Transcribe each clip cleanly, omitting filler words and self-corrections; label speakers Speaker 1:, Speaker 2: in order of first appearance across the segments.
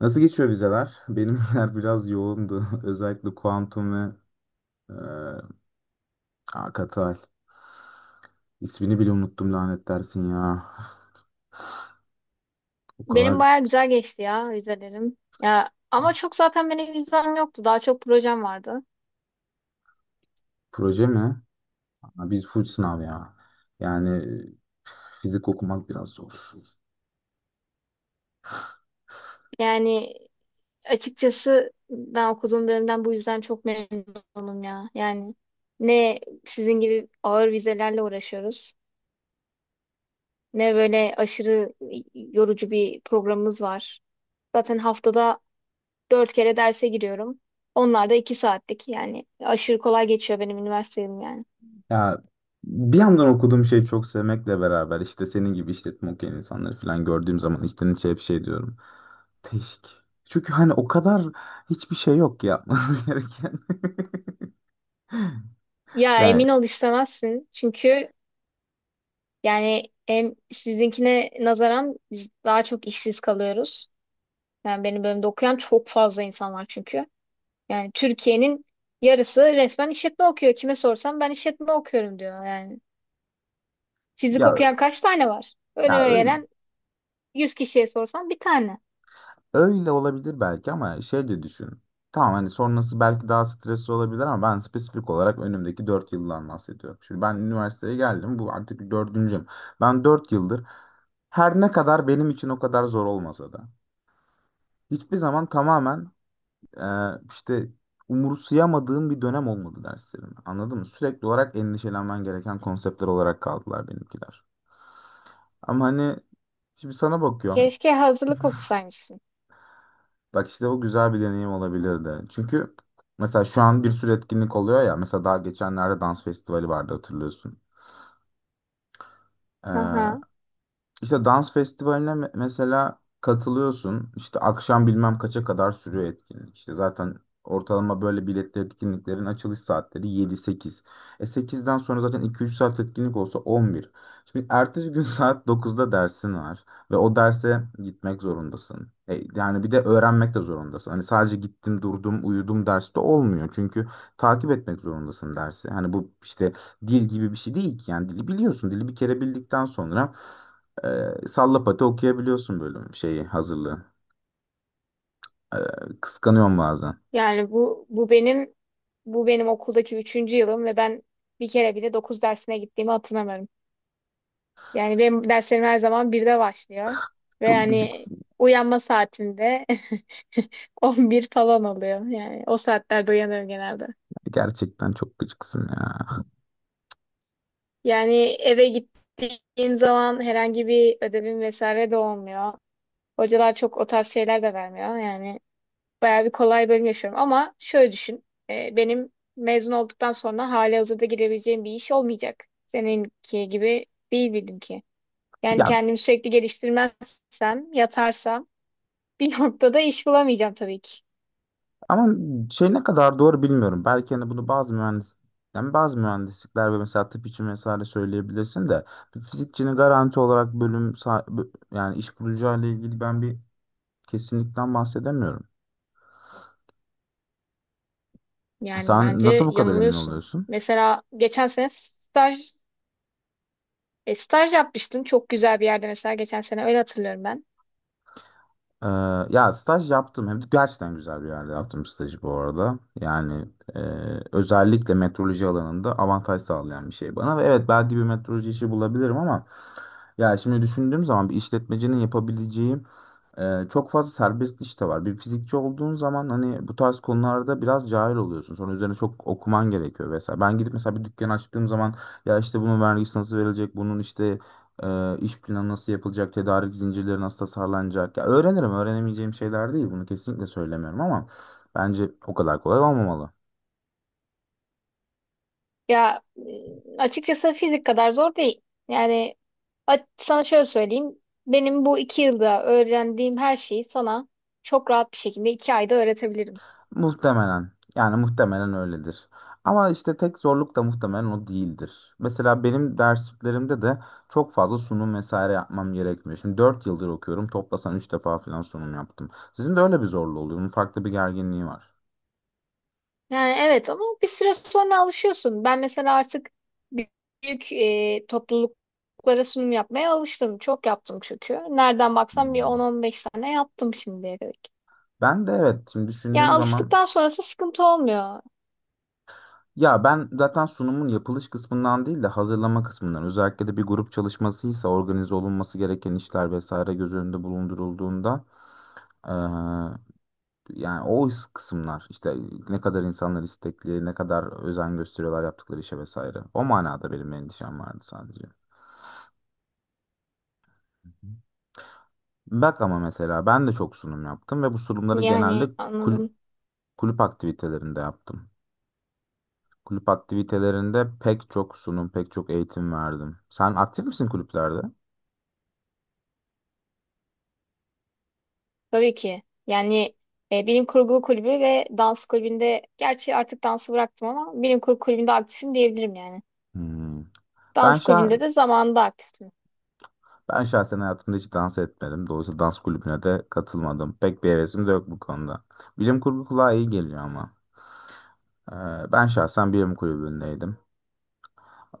Speaker 1: Nasıl geçiyor vizeler? Benimler biraz yoğundu. Özellikle kuantum ve e, Akatal. İsmini bile unuttum lanet dersin ya. O
Speaker 2: Benim
Speaker 1: kadar
Speaker 2: baya güzel geçti ya vizelerim. Ya ama çok zaten benim vizem yoktu. Daha çok projem vardı.
Speaker 1: proje mi? Ama biz full sınav ya. Yani fizik okumak biraz zor.
Speaker 2: Yani açıkçası ben okuduğum dönemden bu yüzden çok memnunum ya. Yani ne sizin gibi ağır vizelerle uğraşıyoruz, ne böyle aşırı yorucu bir programımız var. Zaten haftada dört kere derse giriyorum. Onlar da iki saatlik, yani aşırı kolay geçiyor benim üniversitem yani.
Speaker 1: Ya, bir yandan okuduğum şeyi çok sevmekle beraber işte senin gibi işletme okuyan insanları falan gördüğüm zaman içten içe hep şey diyorum. Teşk. Çünkü hani o kadar hiçbir şey yok ki yapması gereken.
Speaker 2: Ya
Speaker 1: Yani,
Speaker 2: emin ol istemezsin çünkü yani hem sizinkine nazaran biz daha çok işsiz kalıyoruz. Yani benim bölümde okuyan çok fazla insan var çünkü. Yani Türkiye'nin yarısı resmen işletme okuyor. Kime sorsam ben işletme okuyorum diyor yani. Fizik
Speaker 1: ya,
Speaker 2: okuyan kaç tane var?
Speaker 1: ya
Speaker 2: Önüme
Speaker 1: öyle.
Speaker 2: gelen 100 kişiye sorsam bir tane.
Speaker 1: Öyle olabilir belki ama şey de düşün. Tamam, hani sonrası belki daha stresli olabilir ama ben spesifik olarak önümdeki 4 yıldan bahsediyorum. Şimdi ben üniversiteye geldim, bu artık dördüncüm. Ben 4 yıldır her ne kadar benim için o kadar zor olmasa da hiçbir zaman tamamen e, işte umursayamadığım bir dönem olmadı derslerim. Anladın mı? Sürekli olarak endişelenmen gereken konseptler olarak kaldılar benimkiler. Ama hani şimdi sana bakıyorum.
Speaker 2: Keşke hazırlık okusaymışsın.
Speaker 1: Bak işte o güzel bir deneyim olabilirdi. Çünkü mesela şu an bir sürü etkinlik oluyor ya. Mesela daha geçenlerde dans festivali vardı, hatırlıyorsun.
Speaker 2: Aha.
Speaker 1: İşte dans festivaline mesela katılıyorsun. İşte akşam bilmem kaça kadar sürüyor etkinlik. İşte zaten ortalama böyle biletli etkinliklerin açılış saatleri yedi sekiz. E sekizden sonra zaten iki üç saat etkinlik olsa 11. Şimdi ertesi gün saat dokuzda dersin var ve o derse gitmek zorundasın. Yani bir de öğrenmek de zorundasın. Hani sadece gittim, durdum, uyudum derste olmuyor. Çünkü takip etmek zorundasın dersi. Hani bu işte dil gibi bir şey değil ki. Yani dili biliyorsun. Dili bir kere bildikten sonra salla pati okuyabiliyorsun bölüm şeyi hazırlığı. E, Kıskanıyorum bazen.
Speaker 2: Yani bu benim bu benim okuldaki üçüncü yılım ve ben bir kere bile dokuz dersine gittiğimi hatırlamıyorum. Yani benim derslerim her zaman birde başlıyor. Ve
Speaker 1: Çok
Speaker 2: yani
Speaker 1: gıcıksın.
Speaker 2: uyanma saatinde 11 falan oluyor. Yani o saatlerde uyanıyorum genelde.
Speaker 1: Gerçekten çok gıcıksın ya.
Speaker 2: Yani eve gittiğim zaman herhangi bir ödevim vesaire de olmuyor. Hocalar çok o tarz şeyler de vermiyor. Yani bayağı bir kolay bölüm yaşıyorum. Ama şöyle düşün. Benim mezun olduktan sonra hali hazırda girebileceğim bir iş olmayacak. Seninki gibi değil bildim ki. Yani
Speaker 1: Ya
Speaker 2: kendimi sürekli geliştirmezsem, yatarsam bir noktada iş bulamayacağım tabii ki.
Speaker 1: ama şey ne kadar doğru bilmiyorum. Belki hani bunu bazı mühendis, yani bazı mühendislikler ve mesela tıp için vesaire söyleyebilirsin de bir fizikçinin garanti olarak bölüm yani iş bulacağı ile ilgili ben bir kesinlikten bahsedemiyorum.
Speaker 2: Yani
Speaker 1: Sen nasıl
Speaker 2: bence
Speaker 1: bu kadar emin
Speaker 2: yanılıyorsun.
Speaker 1: oluyorsun?
Speaker 2: Mesela geçen sene staj yapmıştın çok güzel bir yerde, mesela geçen sene öyle hatırlıyorum ben.
Speaker 1: Ee, Ya staj yaptım. Hem de gerçekten güzel bir yerde yaptım stajı bu arada. Yani e, özellikle metroloji alanında avantaj sağlayan bir şey bana. Ve evet, belki bir metroloji işi bulabilirim ama ya şimdi düşündüğüm zaman bir işletmecinin yapabileceği çok fazla serbest iş de var. Bir fizikçi olduğun zaman hani bu tarz konularda biraz cahil oluyorsun. Sonra üzerine çok okuman gerekiyor vesaire. Ben gidip mesela bir dükkan açtığım zaman ya, işte bunun vergisi nasıl verilecek, bunun işte iş planı nasıl yapılacak, tedarik zincirleri nasıl tasarlanacak. Ya öğrenirim, öğrenemeyeceğim şeyler değil. Bunu kesinlikle söylemiyorum ama bence o kadar kolay olmamalı.
Speaker 2: Ya açıkçası fizik kadar zor değil. Yani sana şöyle söyleyeyim. Benim bu iki yılda öğrendiğim her şeyi sana çok rahat bir şekilde iki ayda öğretebilirim.
Speaker 1: Muhtemelen. Yani muhtemelen öyledir. Ama işte tek zorluk da muhtemelen o değildir. Mesela benim dersliklerimde de çok fazla sunum vesaire yapmam gerekmiyor. Şimdi 4 yıldır okuyorum. Toplasan 3 defa falan sunum yaptım. Sizin de öyle bir zorluğu oluyor. Bunun farklı bir gerginliği var.
Speaker 2: Yani evet, ama bir süre sonra alışıyorsun. Ben mesela artık büyük topluluklara sunum yapmaya alıştım. Çok yaptım çünkü. Nereden baksam bir
Speaker 1: Hmm.
Speaker 2: 10-15 tane yaptım şimdiye kadar.
Speaker 1: Ben de evet, şimdi
Speaker 2: Yani
Speaker 1: düşündüğüm zaman
Speaker 2: alıştıktan sonrası sıkıntı olmuyor.
Speaker 1: ya ben zaten sunumun yapılış kısmından değil de hazırlama kısmından, özellikle de bir grup çalışmasıysa organize olunması gereken işler vesaire göz önünde bulundurulduğunda... Yani o kısımlar işte, ne kadar insanlar istekli, ne kadar özen gösteriyorlar yaptıkları işe vesaire. O manada benim endişem vardı sadece. Bak ama mesela ben de çok sunum yaptım ve bu sunumları genelde
Speaker 2: Yani
Speaker 1: kulüp
Speaker 2: anladım.
Speaker 1: kulüp aktivitelerinde yaptım. Kulüp aktivitelerinde pek çok sunum, pek çok eğitim verdim. Sen aktif misin kulüplerde?
Speaker 2: Tabii ki. Yani bilim kurgu kulübü ve dans kulübünde, gerçi artık dansı bıraktım ama bilim kurgu kulübünde aktifim diyebilirim yani.
Speaker 1: Hmm. Ben
Speaker 2: Dans
Speaker 1: şah
Speaker 2: kulübünde de zamanında aktiftim.
Speaker 1: ben şahsen hayatımda hiç dans etmedim. Dolayısıyla dans kulübüne de katılmadım. Pek bir hevesim de yok bu konuda. Bilim kurgu kulağa iyi geliyor ama. Ee, Ben şahsen BM kulübündeydim.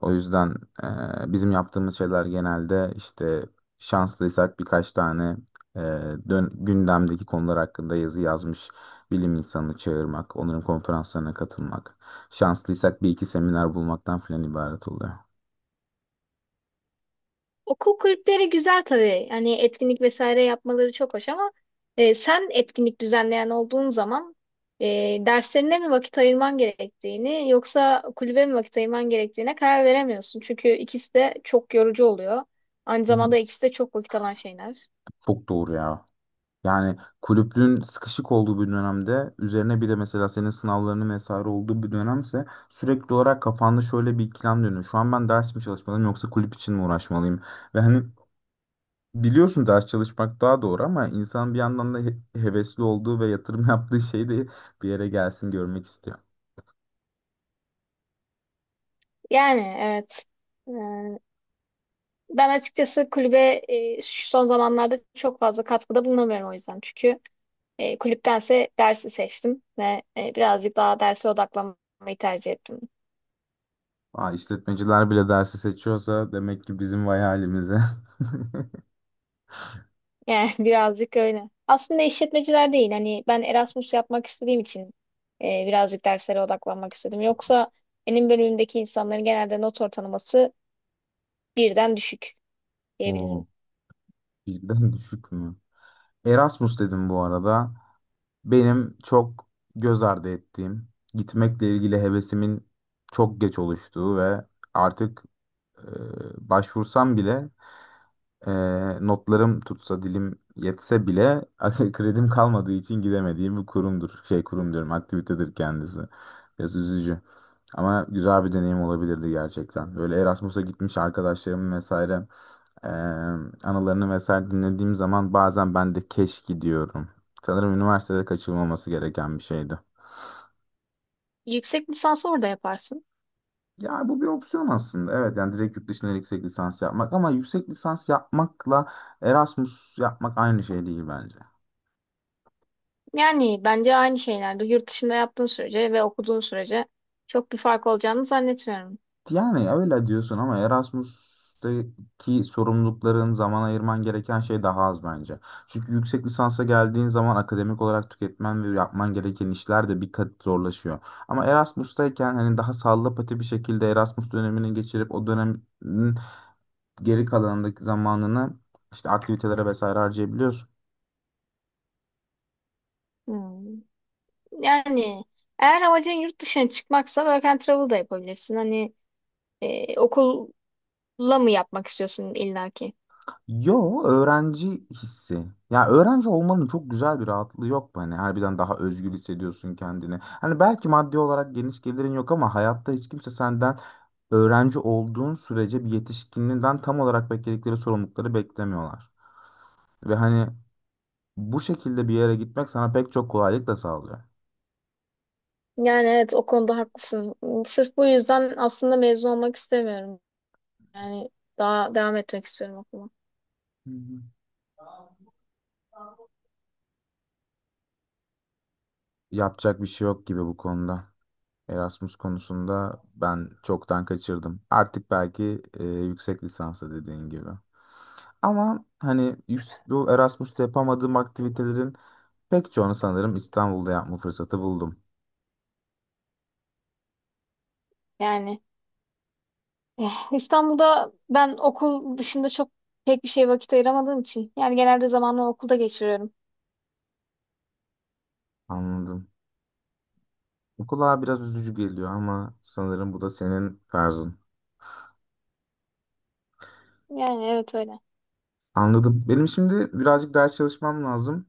Speaker 1: O yüzden bizim yaptığımız şeyler genelde işte, şanslıysak birkaç tane e, gündemdeki konular hakkında yazı yazmış bilim insanını çağırmak, onların konferanslarına katılmak. Şanslıysak bir iki seminer bulmaktan filan ibaret oluyor.
Speaker 2: Okul kulüpleri güzel tabii. Hani etkinlik vesaire yapmaları çok hoş ama sen etkinlik düzenleyen olduğun zaman e, derslerine mi vakit ayırman gerektiğini yoksa kulübe mi vakit ayırman gerektiğine karar veremiyorsun. Çünkü ikisi de çok yorucu oluyor. Aynı
Speaker 1: Hmm.
Speaker 2: zamanda ikisi de çok vakit alan şeyler.
Speaker 1: Çok doğru ya. Yani kulüplüğün sıkışık olduğu bir dönemde üzerine bir de mesela senin sınavlarının vesaire olduğu bir dönemse sürekli olarak kafanda şöyle bir ikilem dönüyor. Şu an ben ders mi çalışmalıyım yoksa kulüp için mi uğraşmalıyım? Ve hani biliyorsun ders çalışmak daha doğru ama insan bir yandan da hevesli olduğu ve yatırım yaptığı şeyi de bir yere gelsin, görmek istiyor.
Speaker 2: Yani evet. E, Ben açıkçası kulübe şu son zamanlarda çok fazla katkıda bulunamıyorum o yüzden. Çünkü kulüptense dersi seçtim ve birazcık daha derse odaklanmayı tercih ettim.
Speaker 1: Aa, işletmeciler bile dersi seçiyorsa demek ki bizim vay halimize.
Speaker 2: Yani birazcık öyle. Aslında işletmeciler değil. Hani ben Erasmus yapmak istediğim için birazcık derslere odaklanmak istedim. Yoksa benim bölümümdeki insanların genelde not ortalaması birden düşük diyebilirim.
Speaker 1: Oo, birden düşük mü? Erasmus dedim bu arada. Benim çok göz ardı ettiğim, gitmekle ilgili hevesimin çok geç oluştuğu ve artık başvursam bile, e, notlarım tutsa dilim yetse bile kredim kalmadığı için gidemediğim bir kurumdur. Şey kurum diyorum, aktivitedir kendisi. Biraz üzücü. Ama güzel bir deneyim olabilirdi gerçekten. Böyle Erasmus'a gitmiş arkadaşlarım vesaire e, anılarını vesaire dinlediğim zaman bazen ben de keşke diyorum. Sanırım üniversitede kaçırılmaması gereken bir şeydi.
Speaker 2: Yüksek lisansı orada yaparsın.
Speaker 1: Ya, bu bir opsiyon aslında. Evet, yani direkt yurt dışında yüksek lisans yapmak ama yüksek lisans yapmakla Erasmus yapmak aynı şey değil bence.
Speaker 2: Yani bence aynı şeylerde yurt dışında yaptığın sürece ve okuduğun sürece çok bir fark olacağını zannetmiyorum.
Speaker 1: Yani öyle diyorsun ama Erasmus'taki sorumlulukların, zaman ayırman gereken şey daha az bence. Çünkü yüksek lisansa geldiğin zaman akademik olarak tüketmen ve yapman gereken işler de bir kat zorlaşıyor. Ama Erasmus'tayken hani daha sallapati bir şekilde Erasmus dönemini geçirip o dönem geri kalanındaki zamanını işte aktivitelere vesaire harcayabiliyorsun.
Speaker 2: Hmm. Yani eğer amacın yurt dışına çıkmaksa work and travel da yapabilirsin. Hani okulla mı yapmak istiyorsun illaki?
Speaker 1: Yo, öğrenci hissi. Ya öğrenci olmanın çok güzel bir rahatlığı yok mu? Hani harbiden daha özgür hissediyorsun kendini. Hani belki maddi olarak geniş gelirin yok ama hayatta hiç kimse senden, öğrenci olduğun sürece, bir yetişkinliğinden tam olarak bekledikleri sorumlulukları beklemiyorlar. Ve hani bu şekilde bir yere gitmek sana pek çok kolaylık da sağlıyor.
Speaker 2: Yani evet, o konuda haklısın. Sırf bu yüzden aslında mezun olmak istemiyorum. Yani daha devam etmek istiyorum okula.
Speaker 1: Hı hı. Yapacak bir şey yok gibi bu konuda. Erasmus konusunda ben çoktan kaçırdım. Artık belki yüksek lisansa, dediğin gibi. Ama hani bu Erasmus'ta yapamadığım aktivitelerin pek çoğunu sanırım İstanbul'da yapma fırsatı buldum.
Speaker 2: Yani İstanbul'da ben okul dışında pek bir şey vakit ayıramadığım için yani genelde zamanımı okulda geçiriyorum.
Speaker 1: Anladım. Bu kulağa biraz üzücü geliyor ama sanırım bu da senin tarzın.
Speaker 2: Yani evet öyle.
Speaker 1: Anladım. Benim şimdi birazcık ders çalışmam lazım.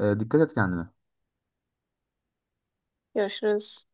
Speaker 1: Dikkat et kendine.
Speaker 2: Görüşürüz.